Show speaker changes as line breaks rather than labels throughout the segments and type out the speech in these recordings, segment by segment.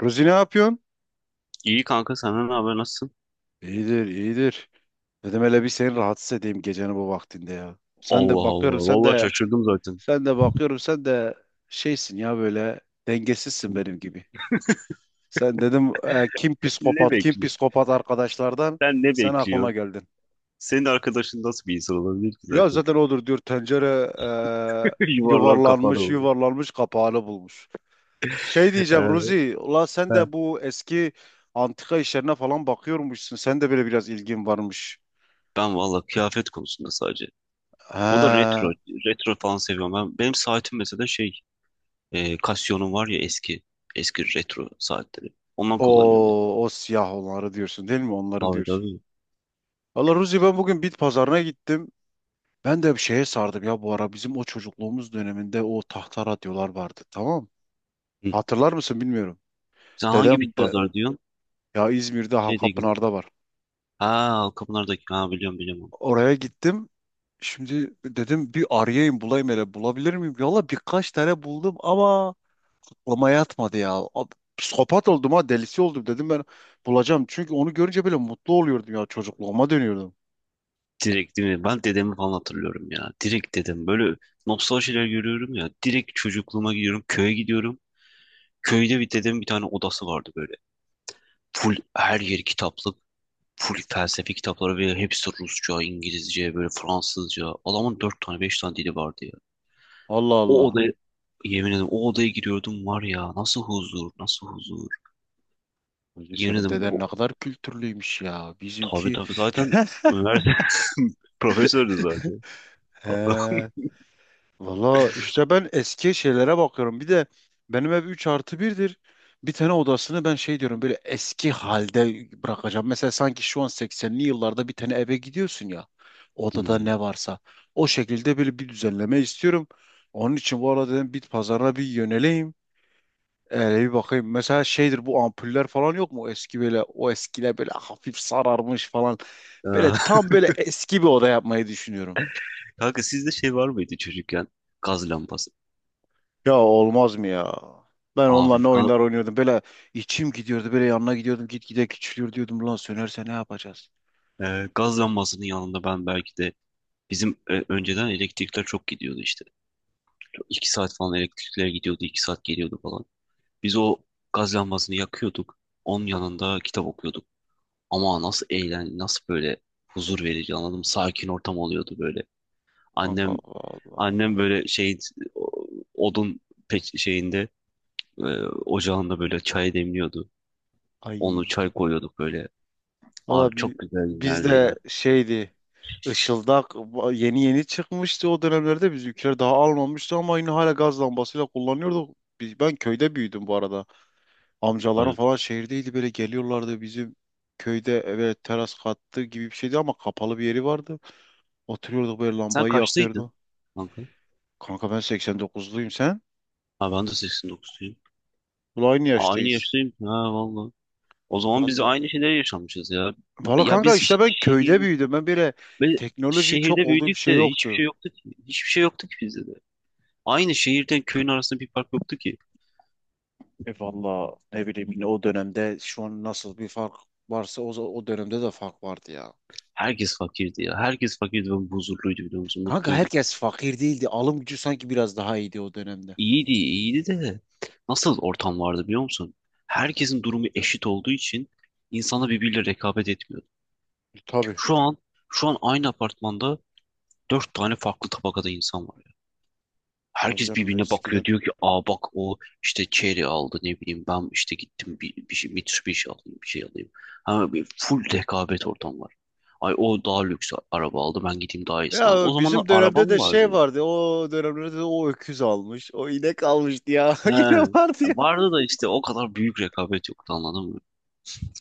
Ruzi ne yapıyorsun?
İyi kanka senden ne haber nasılsın?
İyidir, iyidir. Dedim hele bir seni rahatsız edeyim gecenin bu vaktinde ya. Sen
Allah
de bakıyorum,
Allah.
sen
Vallahi
de
şaşırdım zaten.
sen de bakıyorum, sen de şeysin ya, böyle dengesizsin benim gibi. Sen dedim kim
Ne
psikopat, kim
bekliyor?
psikopat arkadaşlardan
Sen ne
sen aklıma
bekliyorsun?
geldin.
Senin arkadaşın nasıl bir insan olabilir ki
Ya
zaten?
zaten odur diyor tencere,
Yuvarlan kafana oluyor.
yuvarlanmış kapağını bulmuş. Şey diyeceğim
Ee,
Ruzi, ula sen
he.
de bu eski antika işlerine falan bakıyormuşsun. Sen de böyle biraz ilgin varmış.
Ben vallahi kıyafet konusunda sadece. O da
He.
retro. Retro falan seviyorum. Benim saatim mesela şey. Casio'nun var ya eski. Eski retro saatleri. Ondan kullanıyorum ben.
O siyah olanları diyorsun değil mi? Onları
Tabii
diyorsun.
tabii.
Valla Ruzi ben bugün bit pazarına gittim. Ben de bir şeye sardım ya bu ara. Bizim o çocukluğumuz döneminde o tahta radyolar vardı, tamam.
Hı.
Hatırlar mısın, bilmiyorum.
Sen hangi
Dedem
bit
de.
pazar diyorsun?
Ya İzmir'de
Şey değil.
Halkapınar'da var.
Ha Kapınar'daki. Ha biliyorum biliyorum.
Oraya gittim. Şimdi dedim bir arayayım bulayım, hele bulabilir miyim? Valla birkaç tane buldum ama aklıma yatmadı ya. Psikopat oldum ha, delisi oldum dedim, ben bulacağım. Çünkü onu görünce böyle mutlu oluyordum ya, çocukluğuma dönüyordum.
Direkt değil mi? Ben dedemi falan hatırlıyorum ya. Direkt dedem. Böyle nostaljiler görüyorum ya. Direkt çocukluğuma gidiyorum. Köye gidiyorum. Köyde bir dedemin bir tane odası vardı böyle. Full her yeri kitaplık. Full felsefi kitapları ve hepsi Rusça, İngilizce, böyle Fransızca. Adamın dört tane, beş tane dili vardı ya.
Allah
O
Allah.
odaya, yemin ederim o odaya giriyordum var ya. Nasıl huzur, nasıl huzur.
Ulan
Yemin
senin
ederim
deden ne kadar kültürlüymüş ya.
tabii
Bizimki.
tabii zaten üniversite profesördü zaten.
He. Valla işte ben eski şeylere bakıyorum. Bir de benim ev 3 artı birdir. Bir tane odasını ben şey diyorum, böyle eski halde bırakacağım. Mesela sanki şu an 80'li yıllarda bir tane eve gidiyorsun ya. Odada
Hmm.
ne varsa. O şekilde böyle bir düzenleme istiyorum. Onun için bu arada dedim bit pazarına bir yöneleyim. Öyle bir bakayım. Mesela şeydir, bu ampuller falan yok mu? Eski böyle, o eskiler böyle hafif sararmış falan. Böyle tam böyle eski bir oda yapmayı düşünüyorum.
Kanka sizde şey var mıydı çocukken? Gaz lambası.
Ya olmaz mı ya? Ben onunla
Abi
ne
ga-
oyunlar oynuyordum. Böyle içim gidiyordu. Böyle yanına gidiyordum. Gitgide küçülüyor diyordum. Lan, sönerse ne yapacağız?
Gaz lambasının yanında ben belki de bizim önceden elektrikler çok gidiyordu işte. 2 saat falan elektrikler gidiyordu, 2 saat geliyordu falan. Biz o gaz lambasını yakıyorduk. Onun yanında kitap okuyorduk. Ama nasıl böyle huzur verici anladım. Sakin ortam oluyordu böyle.
Kanka,
Annem
Allah Allah.
annem böyle şey o- odun şeyinde e, ocağında böyle çay demliyordu.
Ay.
Onu çay koyuyorduk böyle. Abi
Valla
çok güzel
biz
günlerdi
de
ya.
şeydi. Işıldak yeni yeni çıkmıştı o dönemlerde. Bizimkiler daha almamıştı ama yine hala gaz lambasıyla kullanıyorduk. Ben köyde büyüdüm bu arada. Amcalarım
Abi,
falan şehirdeydi, böyle geliyorlardı, bizim köyde eve teras kattı gibi bir şeydi ama kapalı bir yeri vardı. Oturuyorduk, böyle
sen
lambayı
kaçtaydın
yakıyordu.
kanka?
Kanka ben 89'luyum, sen?
Ha ben de 89'luyum.
Bu, aynı
Aa, aynı
yaştayız.
yaştayım. Ha vallahi. O zaman biz
Vallahi,
aynı şeyleri yaşamışız ya.
vallahi
Ya
kanka,
biz
işte ben köyde büyüdüm. Ben böyle
ve
teknolojinin çok
şehirde
olduğu bir
büyüdük de
şey
hiçbir şey
yoktu.
yoktu ki. Hiçbir şey yoktu ki bizde de. Aynı şehirden köyün arasında bir fark yoktu ki.
E valla ne bileyim, yine o dönemde şu an nasıl bir fark varsa, o dönemde de fark vardı ya.
Herkes fakirdi ya. Herkes fakirdi ve huzurluydu biliyor musun?
Kanka
Mutluydu.
herkes fakir değildi. Alım gücü sanki biraz daha iyiydi o dönemde.
İyiydi, iyiydi de nasıl ortam vardı biliyor musun? Herkesin durumu eşit olduğu için insanlar birbiriyle rekabet etmiyordu.
Tabii.
Şu an şu an aynı apartmanda dört tane farklı tabakada insan var ya.
Tabii
Herkes
canım,
birbirine bakıyor
eskiden.
diyor ki aa bak o işte Cherry aldı ne bileyim ben işte gittim bir şey Mitsubishi alayım bir şey alayım. Ha, bir full rekabet ortam var. Ay o daha lüks araba aldı ben gideyim daha iyisini alayım. O
Ya
zamanlar
bizim
araba
dönemde
mı
de
vardı
şey
ya?
vardı. O dönemlerde de o öküz almış, o inek almıştı ya. Yine vardı ya.
He. Vardı da işte o kadar büyük rekabet yoktu anladın mı?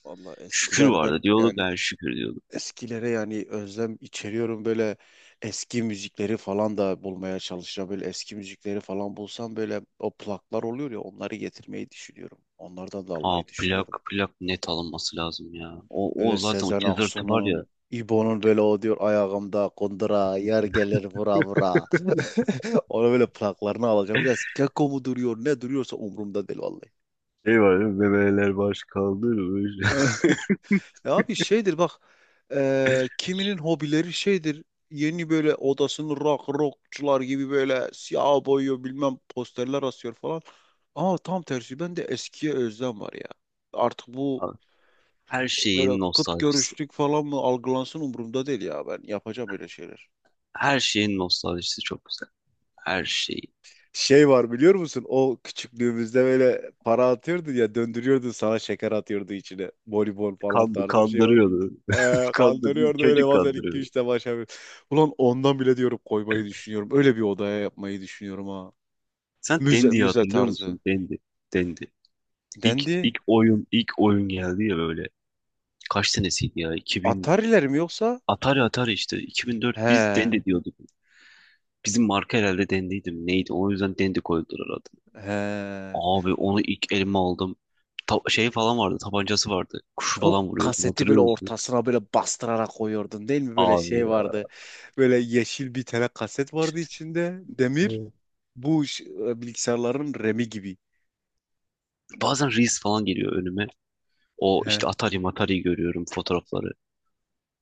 Valla
Şükür
eskiler, ben
vardı diyorduk
yani
yani şükür diyorduk.
eskilere yani özlem içeriyorum, böyle eski müzikleri falan da bulmaya çalışacağım. Böyle eski müzikleri falan bulsam, böyle o plaklar oluyor ya, onları getirmeyi düşünüyorum. Onlardan da
Aa
almayı
plak
düşünüyorum.
plak net alınması lazım ya. O
Böyle
zaten o
Sezen
cızırtı var ya.
Aksu'nun, İbo'nun, böyle o diyor, ayağımda kundura, yer gelir vura vura. Ona böyle plaklarını alacağım. Biraz keko mu duruyor ne duruyorsa umurumda değil vallahi.
Şey var ya, bebeler baş kaldırmış.
Ya abi şeydir bak, kiminin hobileri şeydir, yeni böyle odasını rockçular gibi böyle siyah boyuyor, bilmem posterler asıyor falan. Ama tam tersi bende eskiye özlem var ya. Artık bu
Abi, her
böyle
şeyin
kıt
nostaljisi.
görüşlük falan mı algılansın, umurumda değil ya, ben yapacağım öyle şeyler.
Her şeyin nostaljisi çok güzel. Her şeyi.
Şey var biliyor musun? O küçüklüğümüzde böyle para atıyordu ya, döndürüyordu, sana şeker atıyordu içine. Bonibon falan tarzı bir şey var.
Kandırıyordu. Kandı,
Kandırıyordu öyle,
Çocuk
bazen
kandırıyordu.
2-3 de başa bir. Ulan ondan bile diyorum, koymayı düşünüyorum. Öyle bir odaya yapmayı düşünüyorum ha.
Sen
Müze,
Dendi'yi
müze
hatırlıyor
tarzı.
musun? Dendi. Dendi.
Dendi.
İlk oyun geldi ya böyle. Kaç senesiydi ya? 2000,
Atari'ler mi yoksa?
Atari Atari işte. 2004 biz
He.
Dendi diyorduk. Bizim marka herhalde Dendi'ydi mi? Neydi? O yüzden Dendi koydular adı.
He.
Abi onu ilk elime aldım. Şey falan vardı, tabancası vardı. Kuşu
O
falan vuruyordun,
kaseti böyle
hatırlıyor musun?
ortasına böyle bastırarak koyuyordun değil mi? Böyle
Abi
şey
ya.
vardı. Böyle yeşil bir tane kaset vardı içinde. Demir.
Evet.
Bu bilgisayarların Remi gibi.
Bazen Reels falan geliyor önüme. O
He.
işte Atari Matari görüyorum fotoğrafları.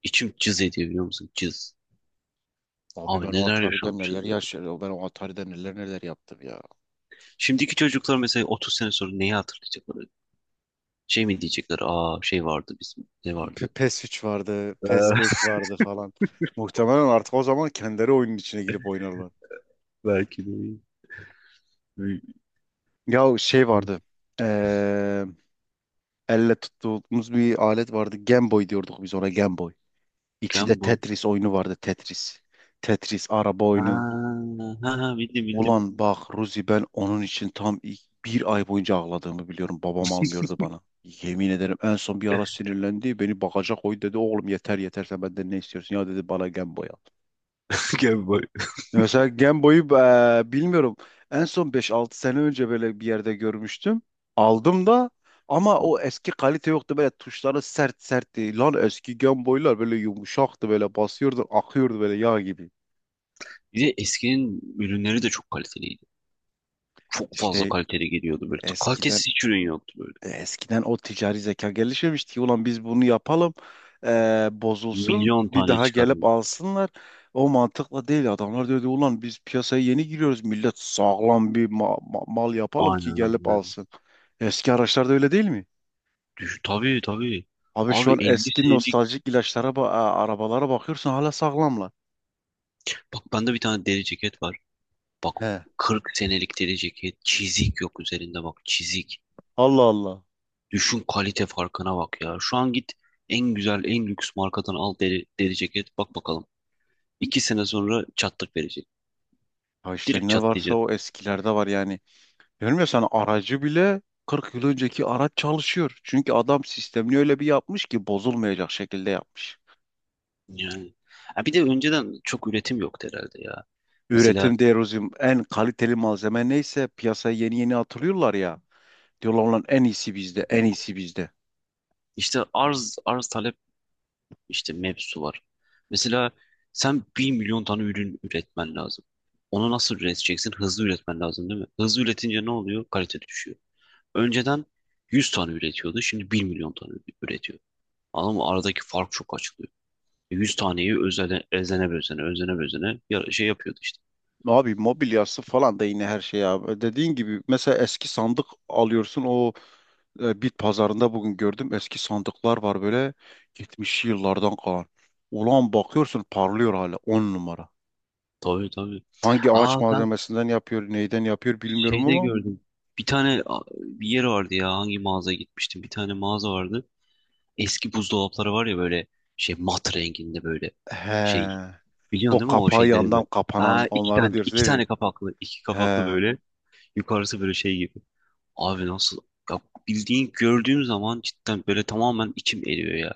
İçim cız ediyor biliyor musun? Cız.
Abi
Abi
ben o
neler
Atari'de neler
yaşanmışız ya.
yaşadım. Ben o Atari'de neler neler yaptım ya.
Şimdiki çocuklar mesela 30 sene sonra neyi hatırlayacaklar? Şey mi diyecekler? Aa şey vardı bizim. Ne vardı?
PES 3 vardı, PES
Ee,
5 vardı falan. Muhtemelen artık o zaman kendileri oyunun içine girip oynarlar.
Belki de.
Ya şey vardı, eee, elle tuttuğumuz bir alet vardı. Game Boy diyorduk biz ona, Game Boy. İçinde
Game Boy.
Tetris oyunu vardı, Tetris. Tetris, araba oyunu.
Ha, ha, ha, bildim bildim.
Ulan bak Ruzi, ben onun için tam ilk bir ay boyunca ağladığımı biliyorum. Babam almıyordu bana. Yemin ederim en son bir ara sinirlendi. Beni bagaja koy dedi. Oğlum yeter yeter, sen benden ne istiyorsun ya, dedi bana, Game Boy al.
Game Boy.
Mesela Game Boy'u bilmiyorum. En son beş altı sene önce böyle bir yerde görmüştüm. Aldım da, ama o eski kalite yoktu. Böyle tuşları sert sertti. Lan eski Game Boy'lar böyle yumuşaktı. Böyle basıyordu, akıyordu, böyle yağ gibi.
Bir de eskinin ürünleri de çok kaliteliydi. Çok fazla
İşte
kaliteli geliyordu böyle.
eskiden
Kalitesiz hiç ürün yoktu böyle.
Eskiden o ticari zeka gelişmemişti ki, ulan biz bunu yapalım, bozulsun,
Milyon
bir
tane
daha gelip
çıkarıyordu.
alsınlar. O mantıkla değil, adamlar diyordu, ulan biz piyasaya yeni giriyoruz, millet sağlam bir mal yapalım ki
Aynen
gelip
aynen.
alsın. Eski araçlarda öyle değil mi?
Düşün, tabii tabii.
Abi şu
Abi
an
50
eski
senelik.
nostaljik ilaçlara arabalara bakıyorsun, hala sağlamlar.
Bak bende bir tane deri ceket var. Bak
He.
40 senelik deri ceket. Çizik yok üzerinde bak çizik.
Allah Allah.
Düşün kalite farkına bak ya. Şu an git en güzel en lüks markadan al deri ceket. Bak bakalım. 2 sene sonra çatlak verecek.
Ha işte,
Direkt
ne varsa
çatlayacak.
o eskilerde var yani. Diyorum ya sana, aracı bile 40 yıl önceki araç çalışıyor. Çünkü adam sistemini öyle bir yapmış ki, bozulmayacak şekilde yapmış.
Yani. Ha bir de önceden çok üretim yoktu herhalde ya. Mesela
Üretim derozim, en kaliteli malzeme neyse piyasaya yeni yeni atılıyorlar ya. Diyorlar lan, en iyisi bizde, en iyisi bizde.
işte arz talep işte mevzusu var. Mesela sen 1 milyon tane ürün üretmen lazım. Onu nasıl üreteceksin? Hızlı üretmen lazım değil mi? Hızlı üretince ne oluyor? Kalite düşüyor. Önceden 100 tane üretiyordu. Şimdi 1 milyon tane üretiyor. Anladın mı? Aradaki fark çok açılıyor. 100 taneyi özene, özene bezene, özene bezene şey yapıyordu işte.
Abi mobilyası falan da yine, her şey abi. Dediğin gibi mesela eski sandık alıyorsun, o bit pazarında bugün gördüm, eski sandıklar var böyle, 70'li yıllardan kalan. Ulan bakıyorsun parlıyor hala, 10 numara.
Tabii tabii.
Hangi ağaç
Aa ben
malzemesinden yapıyor, neyden yapıyor bilmiyorum
şeyde
ama.
gördüm. Bir yer vardı ya hangi mağazaya gitmiştim. Bir tane mağaza vardı. Eski buzdolapları var ya böyle şey mat renginde böyle
He.
şey. Biliyorsun
O
değil mi o
kapağı
şeyleri
yandan
böyle? Aa
kapanan onları diyorsun değil mi?
iki kapaklı
He.
böyle yukarısı böyle şey gibi. Abi nasıl ya bildiğin gördüğüm zaman cidden böyle tamamen içim eriyor ya.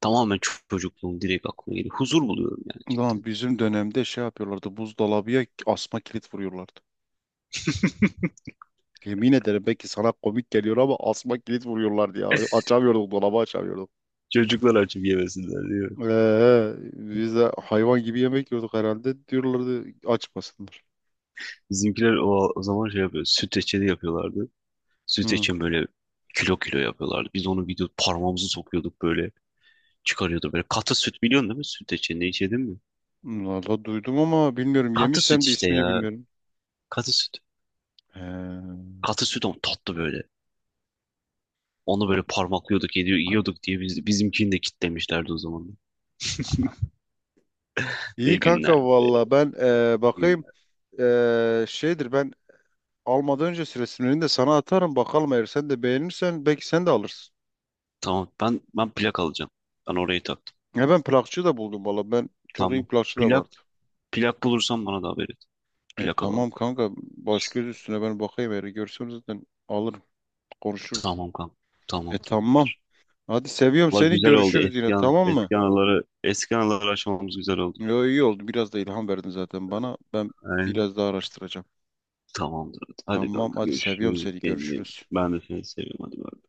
Tamamen çocukluğum direkt aklıma geliyor. Huzur buluyorum yani
Ulan
cidden.
bizim dönemde şey yapıyorlardı, buzdolabıya asma kilit vuruyorlardı. Yemin ederim belki sana komik geliyor ama asma kilit vuruyorlardı ya. Açamıyorduk dolabı, açamıyorduk.
Çocuklar açıp yemesinler diyor.
Biz de hayvan gibi yemek yiyorduk herhalde. Diyorlardı açmasınlar.
Bizimkiler o zaman şey yapıyor. Süt reçeli yapıyorlardı. Süt
Hı.
için böyle kilo kilo yapıyorlardı. Biz onu bir de parmağımızı sokuyorduk böyle. Çıkarıyordu böyle. Katı süt biliyorsun değil mi? Süt içinde içedin mi?
Valla duydum ama bilmiyorum.
Katı süt
Yemişsem de
işte
ismini
ya.
bilmiyorum.
Katı süt.
He.
Katı süt on tatlı böyle. Onu böyle parmaklıyorduk, yiyorduk diye bizimkini de kitlemişlerdi o zaman. Ne
İyi kanka
günlerdi be,
valla, ben
ne
bakayım.
günler.
Şeydir, ben almadan önce resimlerini de sana atarım, bakalım, eğer sen de beğenirsen belki sen de alırsın.
Tamam ben plak alacağım. Ben orayı taktım.
Ya ben plakçı da buldum valla, ben çok iyi
Tamam.
plakçı da
Plak
vardı.
plak bulursan bana da haber et. Plak
Tamam
alalım.
kanka, baş göz üstüne, ben bakayım, eğer görsem zaten alırım, konuşuruz.
Tamam kanka. Tamam
Tamam,
tamamdır.
hadi seviyorum
Valla
seni,
güzel oldu.
görüşürüz yine, tamam mı?
Eski anıları aşmamız güzel oldu.
Yo, iyi oldu, biraz da ilham verdin zaten bana, ben
Aynen.
biraz daha araştıracağım.
Tamamdır. Hadi
Tamam
kanka
hadi, seviyorum
görüşürüz.
seni,
Kendine.
görüşürüz.
Ben de seni seviyorum. Hadi bay.